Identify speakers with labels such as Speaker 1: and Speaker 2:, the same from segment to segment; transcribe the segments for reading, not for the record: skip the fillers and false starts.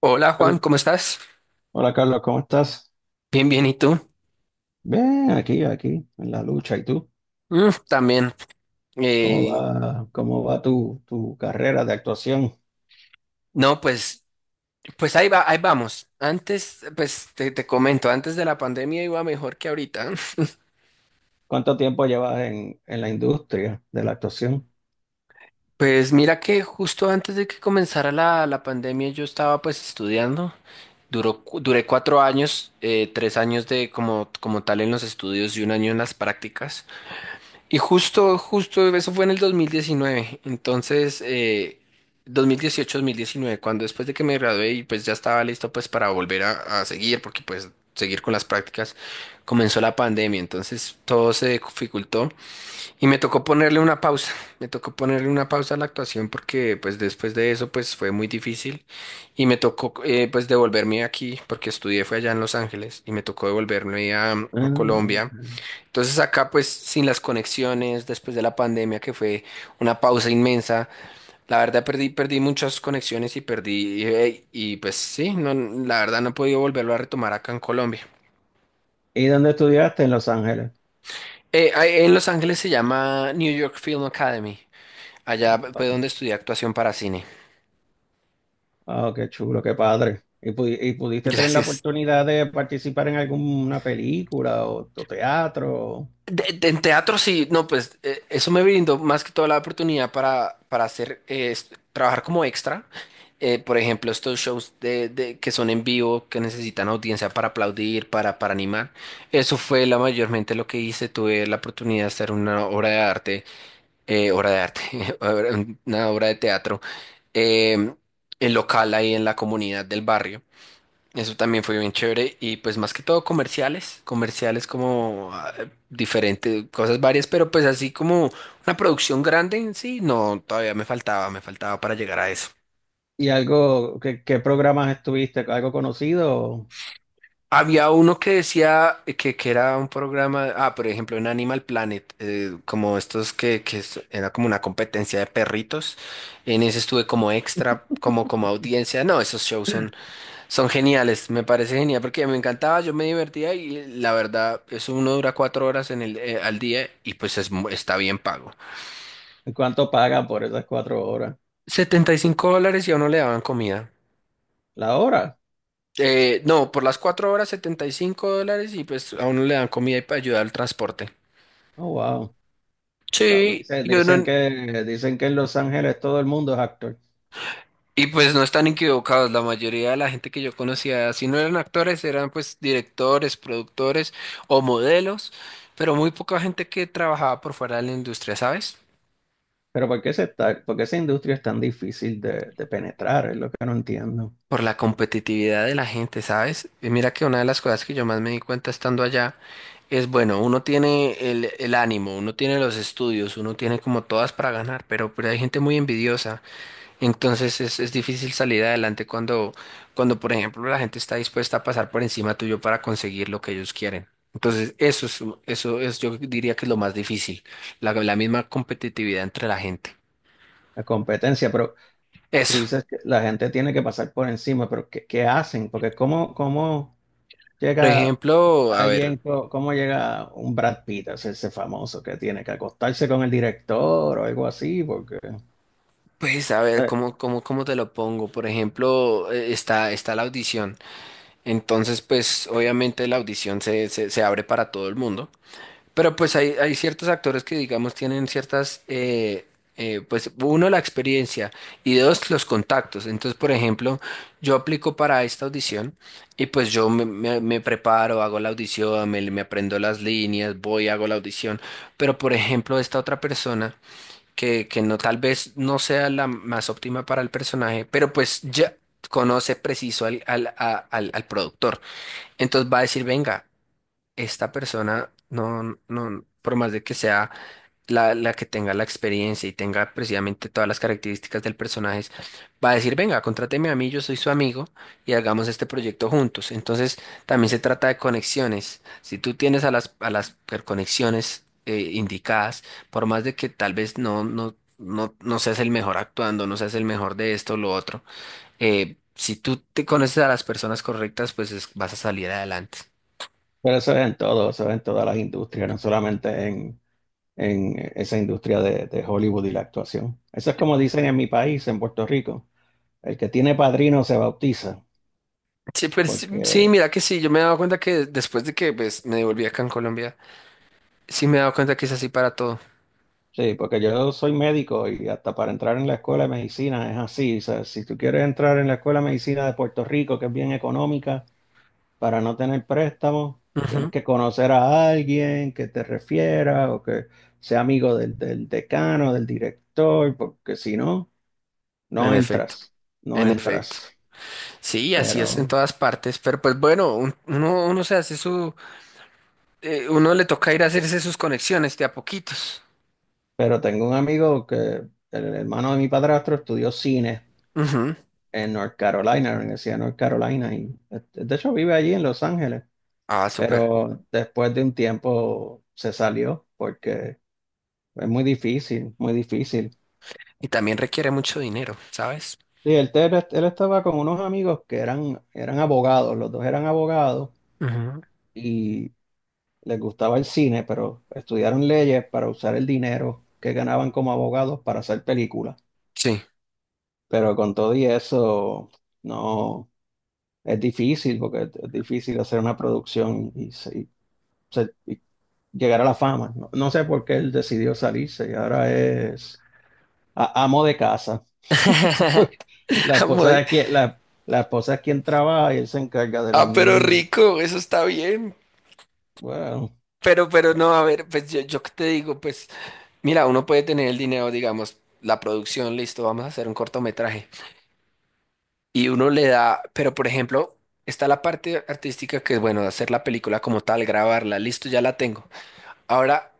Speaker 1: Hola Juan,
Speaker 2: Carl-
Speaker 1: ¿cómo estás?
Speaker 2: Hola Carlos, ¿cómo estás?
Speaker 1: Bien, bien, ¿y tú?
Speaker 2: Bien, aquí, en la lucha. ¿Y tú?
Speaker 1: Mm, también.
Speaker 2: ¿Cómo
Speaker 1: Eh,
Speaker 2: va, cómo va tu carrera de actuación?
Speaker 1: no, pues, pues ahí va, ahí vamos. Antes, pues te comento, antes de la pandemia iba mejor que ahorita.
Speaker 2: ¿Cuánto tiempo llevas en la industria de la actuación?
Speaker 1: Pues mira que justo antes de que comenzara la pandemia yo estaba pues estudiando. Duré 4 años, 3 años de como tal en los estudios y un año en las prácticas. Y justo, justo, eso fue en el 2019. Entonces, 2018-2019, cuando después de que me gradué y pues ya estaba listo pues para volver a seguir, porque pues seguir con las prácticas, comenzó la pandemia. Entonces todo se dificultó y me tocó ponerle una pausa. Me tocó ponerle una pausa a la actuación porque pues después de eso pues fue muy difícil y me tocó pues devolverme aquí porque estudié fue allá en Los Ángeles y me tocó devolverme a
Speaker 2: Ah,
Speaker 1: a
Speaker 2: ok.
Speaker 1: Colombia, entonces acá pues sin las conexiones. Después de la pandemia, que fue una pausa inmensa, la verdad perdí muchas conexiones y y, pues sí, no, la verdad no he podido volverlo a retomar acá en Colombia.
Speaker 2: ¿Y dónde estudiaste? En Los Ángeles.
Speaker 1: Ahí en Los Ángeles se llama New York Film Academy, allá fue donde estudié actuación para cine.
Speaker 2: Ah, qué chulo, qué padre. ¿Y pudiste tener la
Speaker 1: Gracias.
Speaker 2: oportunidad de participar en alguna película o teatro?
Speaker 1: En teatro sí, no, pues eso me brindó más que toda la oportunidad para hacer, trabajar como extra. Por ejemplo, estos shows que son en vivo, que necesitan audiencia para aplaudir, para animar. Eso fue la mayormente lo que hice. Tuve la oportunidad de hacer una obra de arte, una obra de teatro, eh, en local ahí en la comunidad del barrio. Eso también fue bien chévere y pues más que todo comerciales, comerciales como diferentes, cosas varias, pero pues así como una producción grande en sí, no, todavía me faltaba para llegar a eso.
Speaker 2: ¿Y qué programas estuviste? ¿Algo conocido?
Speaker 1: Había uno que decía que era un programa, por ejemplo, en Animal Planet, como estos que, era como una competencia de perritos. En ese estuve como extra, como audiencia. No, esos shows son... Son geniales. Me parece genial porque me encantaba, yo me divertía, y la verdad, eso uno dura 4 horas en al día y pues es está bien pago.
Speaker 2: ¿Y cuánto pagan por esas 4 horas?
Speaker 1: 75 dólares y a uno le daban comida.
Speaker 2: ¿La hora?
Speaker 1: No, por las 4 horas 75 dólares y pues a uno le dan comida y para ayudar al transporte.
Speaker 2: Oh, wow. sea,
Speaker 1: Sí,
Speaker 2: dice-
Speaker 1: yo
Speaker 2: Dicen,
Speaker 1: no,
Speaker 2: que, dicen que en Los Ángeles todo el mundo es actor.
Speaker 1: y pues no están equivocados. La mayoría de la gente que yo conocía, si no eran actores, eran pues directores, productores o modelos, pero muy poca gente que trabajaba por fuera de la industria, ¿sabes?
Speaker 2: Pero ¿por qué esa industria es tan difícil de penetrar? Es lo que no entiendo.
Speaker 1: Por la competitividad de la gente, ¿sabes? Y mira que una de las cosas que yo más me di cuenta estando allá es, bueno, uno tiene el ánimo, uno tiene los estudios, uno tiene como todas para ganar, pero hay gente muy envidiosa. Entonces es difícil salir adelante cuando, por ejemplo, la gente está dispuesta a pasar por encima tuyo para conseguir lo que ellos quieren. Entonces, eso es, yo diría que es lo más difícil, la misma competitividad entre la gente.
Speaker 2: La competencia, pero tú
Speaker 1: Eso.
Speaker 2: dices que la gente tiene que pasar por encima, pero ¿qué hacen? Porque ¿cómo
Speaker 1: Por
Speaker 2: llega
Speaker 1: ejemplo, a ver.
Speaker 2: alguien, cómo llega un Brad Pitt a hacerse famoso? Que tiene que acostarse con el director o algo así, porque...
Speaker 1: Pues a ver,
Speaker 2: eh,
Speaker 1: ¿cómo te lo pongo? Por ejemplo, está la audición. Entonces, pues obviamente la audición se abre para todo el mundo. Pero pues hay ciertos actores que, digamos, tienen ciertas, pues uno, la experiencia, y dos, los contactos. Entonces, por ejemplo, yo aplico para esta audición y pues yo me preparo, hago la audición, me aprendo las líneas, voy, hago la audición. Pero, por ejemplo, esta otra persona que no, tal vez no sea la más óptima para el personaje, pero pues ya conoce preciso al productor. Entonces va a decir, venga, esta persona no, no, por más de que sea la que tenga la experiencia y tenga precisamente todas las características del personaje, va a decir, venga, contráteme a mí, yo soy su amigo y hagamos este proyecto juntos. Entonces, también se trata de conexiones. Si tú tienes conexiones indicadas, por más de que tal vez no seas el mejor actuando, no seas el mejor de esto o lo otro, si tú te conoces a las personas correctas, pues vas a salir adelante.
Speaker 2: Pero eso es en todo, eso es en todas las industrias, no solamente en esa industria de Hollywood y la actuación. Eso es como dicen en mi país, en Puerto Rico, el que tiene padrino se bautiza.
Speaker 1: Sí, pero sí, sí,
Speaker 2: Porque
Speaker 1: mira que sí, yo me he dado cuenta que después de que pues, me devolví acá en Colombia. Sí, me he dado cuenta que es así para todo.
Speaker 2: sí, porque yo soy médico y hasta para entrar en la escuela de medicina es así. O sea, si tú quieres entrar en la escuela de medicina de Puerto Rico, que es bien económica, para no tener préstamos, tienes
Speaker 1: Ujú.
Speaker 2: que conocer a alguien que te refiera o que sea amigo del decano, del director, porque si no,
Speaker 1: En
Speaker 2: no
Speaker 1: efecto,
Speaker 2: entras, no
Speaker 1: en efecto.
Speaker 2: entras.
Speaker 1: Sí, así es en
Speaker 2: Pero
Speaker 1: todas partes, pero pues bueno, uno se hace su, uno le toca ir a hacerse sus conexiones de a poquitos.
Speaker 2: Pero tengo un amigo que, el hermano de mi padrastro, estudió cine
Speaker 1: Ujú.
Speaker 2: en North Carolina, en la Universidad de North Carolina, y este, de hecho, vive allí en Los Ángeles,
Speaker 1: Ah, súper.
Speaker 2: pero después de un tiempo se salió porque es muy difícil, muy difícil.
Speaker 1: Y también requiere mucho dinero, ¿sabes?
Speaker 2: Sí, él estaba con unos amigos que eran abogados, los dos eran abogados
Speaker 1: Ujú.
Speaker 2: y les gustaba el cine, pero estudiaron leyes para usar el dinero que ganaban como abogados para hacer películas.
Speaker 1: Sí.
Speaker 2: Pero con todo y eso, no. Es difícil, porque es difícil hacer una producción y llegar a la fama. No, no sé por qué él decidió salirse y ahora es amo de casa. Porque la esposa
Speaker 1: Muy-
Speaker 2: es quien, la esposa es quien trabaja y él se encarga de los
Speaker 1: Ah, pero
Speaker 2: niños.
Speaker 1: rico, eso está bien.
Speaker 2: Bueno,
Speaker 1: Pero no,
Speaker 2: that's-
Speaker 1: a ver, pues yo qué te digo, pues mira, uno puede tener el dinero, digamos, la producción, listo, vamos a hacer un cortometraje. Y uno le da, pero por ejemplo, está la parte artística que es, bueno, hacer la película como tal, grabarla, listo, ya la tengo. Ahora,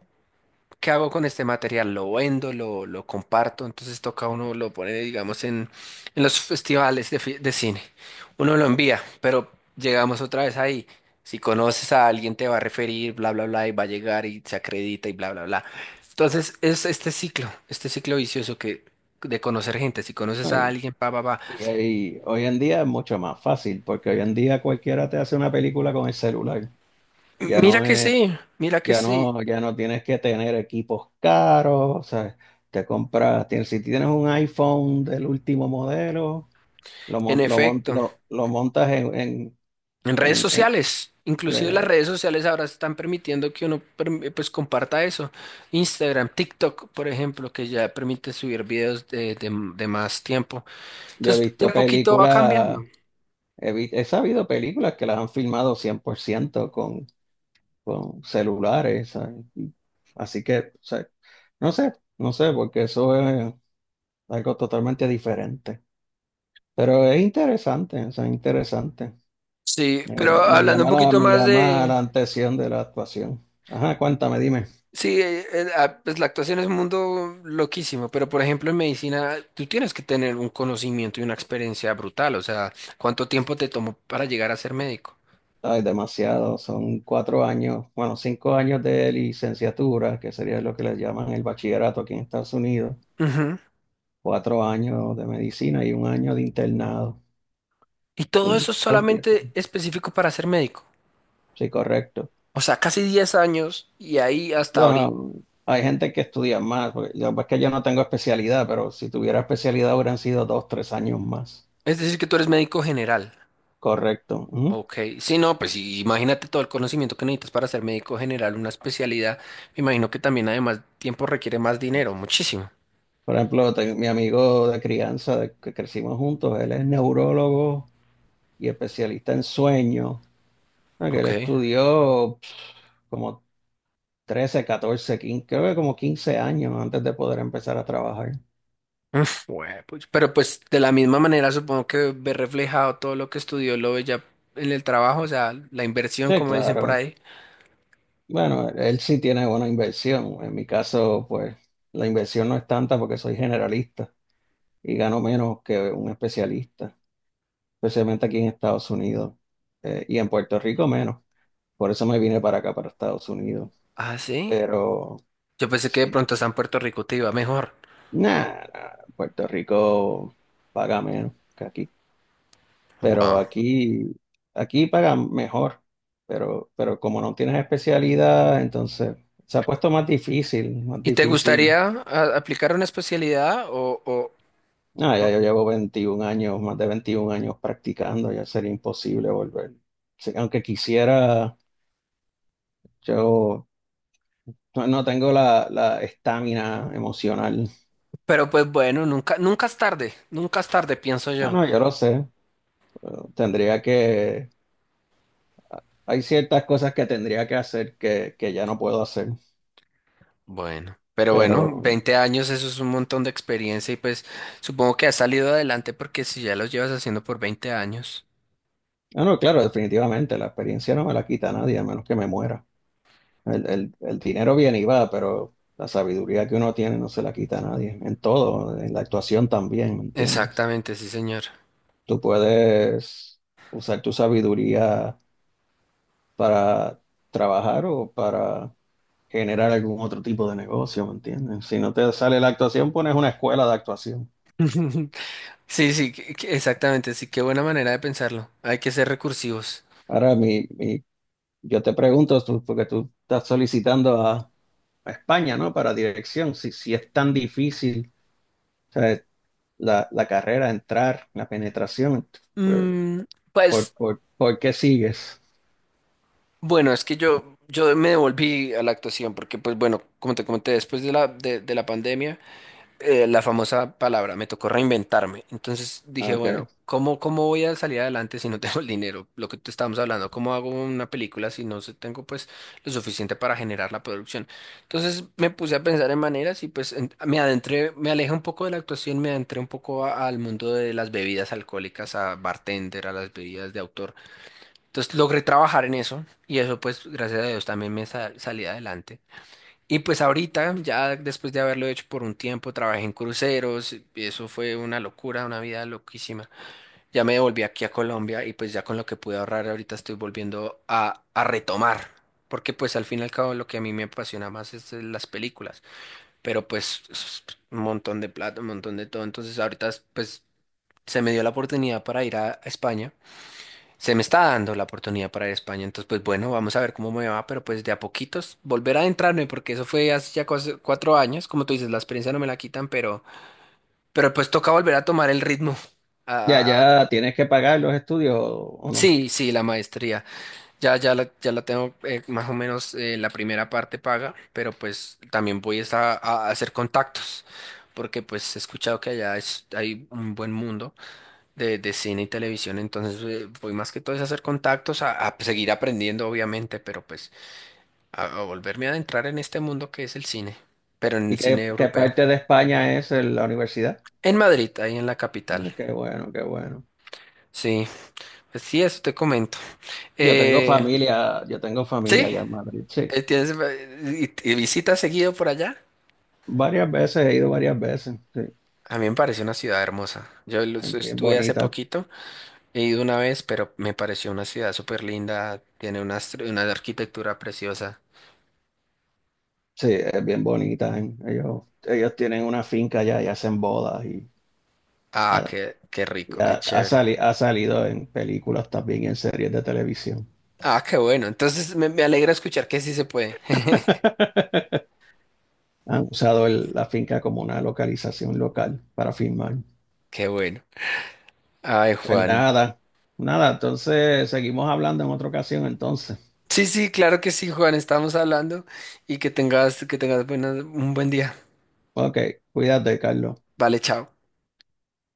Speaker 1: ¿qué hago con este material? Lo vendo, lo comparto, entonces toca uno, lo pone, digamos, en los festivales de cine. Uno lo envía, pero llegamos otra vez ahí. Si conoces a alguien te va a referir, bla, bla, bla, y va a llegar y se acredita y bla, bla, bla. Entonces, es este ciclo vicioso, que de conocer gente. Si conoces a
Speaker 2: ay,
Speaker 1: alguien, pa, pa, pa.
Speaker 2: y hoy en día es mucho más fácil, porque hoy en día cualquiera te hace una película con el celular. Ya no es.
Speaker 1: Mira que
Speaker 2: Ya
Speaker 1: sí,
Speaker 2: no, ya no tienes que tener equipos caros, o sea, te compras, tienes, si tienes un iPhone del último modelo, lo,
Speaker 1: en
Speaker 2: mon- lo, mon-
Speaker 1: efecto,
Speaker 2: lo, lo montas en, en,
Speaker 1: en redes
Speaker 2: en- en-
Speaker 1: sociales, inclusive las
Speaker 2: le-
Speaker 1: redes sociales ahora están permitiendo que uno pues comparta eso. Instagram, TikTok, por ejemplo, que ya permite subir videos de más tiempo.
Speaker 2: yo he
Speaker 1: Entonces de
Speaker 2: visto
Speaker 1: a poquito va
Speaker 2: películas,
Speaker 1: cambiando.
Speaker 2: he sabido películas que las han filmado 100% con celulares, ¿sabes? Así que, o sea, no sé, no sé, porque eso es algo totalmente diferente, pero es interesante, o sea, interesante.
Speaker 1: Sí, pero
Speaker 2: Me, me
Speaker 1: hablando un
Speaker 2: llama la,
Speaker 1: poquito
Speaker 2: me
Speaker 1: más
Speaker 2: llama la
Speaker 1: de...
Speaker 2: atención de la actuación. Ajá, cuéntame, dime.
Speaker 1: Sí, pues la actuación es un mundo loquísimo, pero por ejemplo en medicina tú tienes que tener un conocimiento y una experiencia brutal, o sea, ¿cuánto tiempo te tomó para llegar a ser médico?
Speaker 2: Ay, demasiado, son 4 años, bueno, 5 años de licenciatura, que sería lo que les llaman el bachillerato aquí en Estados Unidos,
Speaker 1: Ujú.
Speaker 2: 4 años de medicina y un año de internado.
Speaker 1: Y todo
Speaker 2: Sí,
Speaker 1: eso es
Speaker 2: son diez
Speaker 1: solamente
Speaker 2: años.
Speaker 1: específico para ser médico.
Speaker 2: Sí, correcto.
Speaker 1: O sea, casi 10 años y ahí hasta ahorita.
Speaker 2: Bueno, hay gente que estudia más, porque yo, es que yo no tengo especialidad, pero si tuviera especialidad hubieran sido dos, tres años más.
Speaker 1: Es decir, que tú eres médico general.
Speaker 2: Correcto. Ujú.
Speaker 1: Ok. Sí, no, pues sí, imagínate todo el conocimiento que necesitas para ser médico general, una especialidad. Me imagino que también además tiempo requiere más dinero, muchísimo.
Speaker 2: Por ejemplo, mi amigo de crianza, que crecimos juntos, él es neurólogo y especialista en sueños. Ah, que él
Speaker 1: Ok.
Speaker 2: estudió como 13, 14, 15, creo que como 15 años antes de poder empezar a trabajar.
Speaker 1: Uf, güey, pues, pero pues de la misma manera supongo que ve reflejado todo lo que estudió, lo ve ya en el trabajo, o sea, la inversión,
Speaker 2: Sí,
Speaker 1: como dicen por
Speaker 2: claro.
Speaker 1: ahí.
Speaker 2: Bueno, él sí tiene buena inversión. En mi caso, pues la inversión no es tanta porque soy generalista y gano menos que un especialista, especialmente aquí en Estados Unidos, y en Puerto Rico menos. Por eso me vine para acá, para Estados Unidos.
Speaker 1: Ah, sí.
Speaker 2: Pero
Speaker 1: Yo pensé que de
Speaker 2: sí.
Speaker 1: pronto hasta en Puerto Rico te iba mejor.
Speaker 2: Nah, nah, Puerto Rico paga menos que aquí, pero
Speaker 1: Wow.
Speaker 2: aquí paga mejor, pero, como no tienes especialidad, entonces se ha puesto más difícil, más
Speaker 1: ¿Y te
Speaker 2: difícil.
Speaker 1: gustaría aplicar una especialidad o,
Speaker 2: Ah, ya yo llevo 21 años, más de 21 años practicando, ya sería imposible volver. Sí, aunque quisiera, yo no, no tengo la estamina emocional.
Speaker 1: pero pues bueno, nunca es tarde, nunca es tarde, pienso
Speaker 2: Ah,
Speaker 1: yo?
Speaker 2: no, yo lo sé. Pero tendría que, hay ciertas cosas que tendría que hacer que ya no puedo hacer.
Speaker 1: Bueno, pero
Speaker 2: Pero,
Speaker 1: bueno, 20 años, eso es un montón de experiencia y pues supongo que has salido adelante porque si ya los llevas haciendo por 20 años.
Speaker 2: ah, no, claro, definitivamente, la experiencia no me la quita nadie, a menos que me muera. El dinero viene y va, pero la sabiduría que uno tiene no se la quita a nadie, en todo, en la actuación también, ¿me entiendes?
Speaker 1: Exactamente, sí, señor.
Speaker 2: Tú puedes usar tu sabiduría para trabajar o para generar algún otro tipo de negocio, ¿me entiendes? Si no te sale la actuación, pones una escuela de actuación.
Speaker 1: Sí, sí, exactamente, sí, qué buena manera de pensarlo. Hay que ser recursivos.
Speaker 2: Ahora, mi yo te pregunto, porque tú estás solicitando a España, ¿no? Para dirección, si es tan difícil, o sea, la carrera, entrar, la penetración, ¿por,
Speaker 1: Mm,
Speaker 2: por,
Speaker 1: pues
Speaker 2: por- por qué sigues?
Speaker 1: bueno, es que yo me devolví a la actuación porque pues bueno, como te comenté, después de la, de la pandemia. La famosa palabra, me tocó reinventarme. Entonces
Speaker 2: Ah,
Speaker 1: dije, bueno,
Speaker 2: ok.
Speaker 1: ¿cómo voy a salir adelante si no tengo el dinero? Lo que te estábamos hablando, ¿cómo hago una película si no tengo pues lo suficiente para generar la producción? Entonces me puse a pensar en maneras y pues me adentré, me alejé un poco de la actuación, me adentré un poco al mundo de las bebidas alcohólicas, a bartender, a las bebidas de autor. Entonces logré trabajar en eso y eso pues gracias a Dios también me salí adelante. Y pues ahorita, ya después de haberlo hecho por un tiempo, trabajé en cruceros, y eso fue una locura, una vida loquísima. Ya me devolví aquí a Colombia y pues ya con lo que pude ahorrar ahorita estoy volviendo a retomar, porque pues al fin y al cabo lo que a mí me apasiona más es las películas, pero pues es un montón de plata, un montón de todo. Entonces ahorita pues se me dio la oportunidad para ir a España. Se me está dando la oportunidad para ir a España, entonces pues bueno, vamos a ver cómo me va, pero pues de a poquitos volver a adentrarme, porque eso fue hace ya 4 años. Como tú dices, la experiencia no me la quitan, pero pues toca volver a tomar el ritmo.
Speaker 2: Ya,
Speaker 1: a- a- a-
Speaker 2: ya tienes que pagar los estudios o no.
Speaker 1: sí, sí, la maestría, ya la tengo, más o menos, la primera parte paga, pero pues también voy es a hacer contactos, porque pues he escuchado que allá hay un buen mundo de cine y televisión. Entonces voy más que todo es a hacer contactos, a seguir aprendiendo obviamente, pero pues a volverme a adentrar en este mundo que es el cine, pero en
Speaker 2: ¿Y
Speaker 1: el cine
Speaker 2: qué
Speaker 1: europeo.
Speaker 2: parte de España es la universidad?
Speaker 1: En Madrid, ahí en la capital.
Speaker 2: Ah, qué bueno, qué bueno.
Speaker 1: Sí, pues sí, eso te comento. Eh,
Speaker 2: Yo tengo familia
Speaker 1: sí,
Speaker 2: allá en Madrid, sí.
Speaker 1: tienes, y visitas seguido por allá.
Speaker 2: Varias veces, he ido varias veces, sí.
Speaker 1: A mí me parece una ciudad hermosa. Yo lo
Speaker 2: Es bien
Speaker 1: estuve hace
Speaker 2: bonita.
Speaker 1: poquito, he ido una vez, pero me pareció una ciudad súper linda, tiene una arquitectura preciosa.
Speaker 2: Sí, es bien bonita. ¿Eh? Ellos tienen una finca allá y hacen bodas
Speaker 1: Ah,
Speaker 2: ha,
Speaker 1: qué
Speaker 2: y
Speaker 1: rico,
Speaker 2: ha-
Speaker 1: qué
Speaker 2: ha
Speaker 1: chévere.
Speaker 2: sali- ha salido en películas también y en series de televisión.
Speaker 1: Ah, qué bueno. Entonces me alegra escuchar que sí se puede.
Speaker 2: Han usado la finca como una localización local para filmar.
Speaker 1: Qué bueno. Ay,
Speaker 2: Pues
Speaker 1: Juan.
Speaker 2: nada, nada, entonces seguimos hablando en otra ocasión entonces.
Speaker 1: Sí, sí, claro que sí, Juan. Estamos hablando y que tengas un buen día.
Speaker 2: Ok, cuídate, Carlos.
Speaker 1: Vale, chao.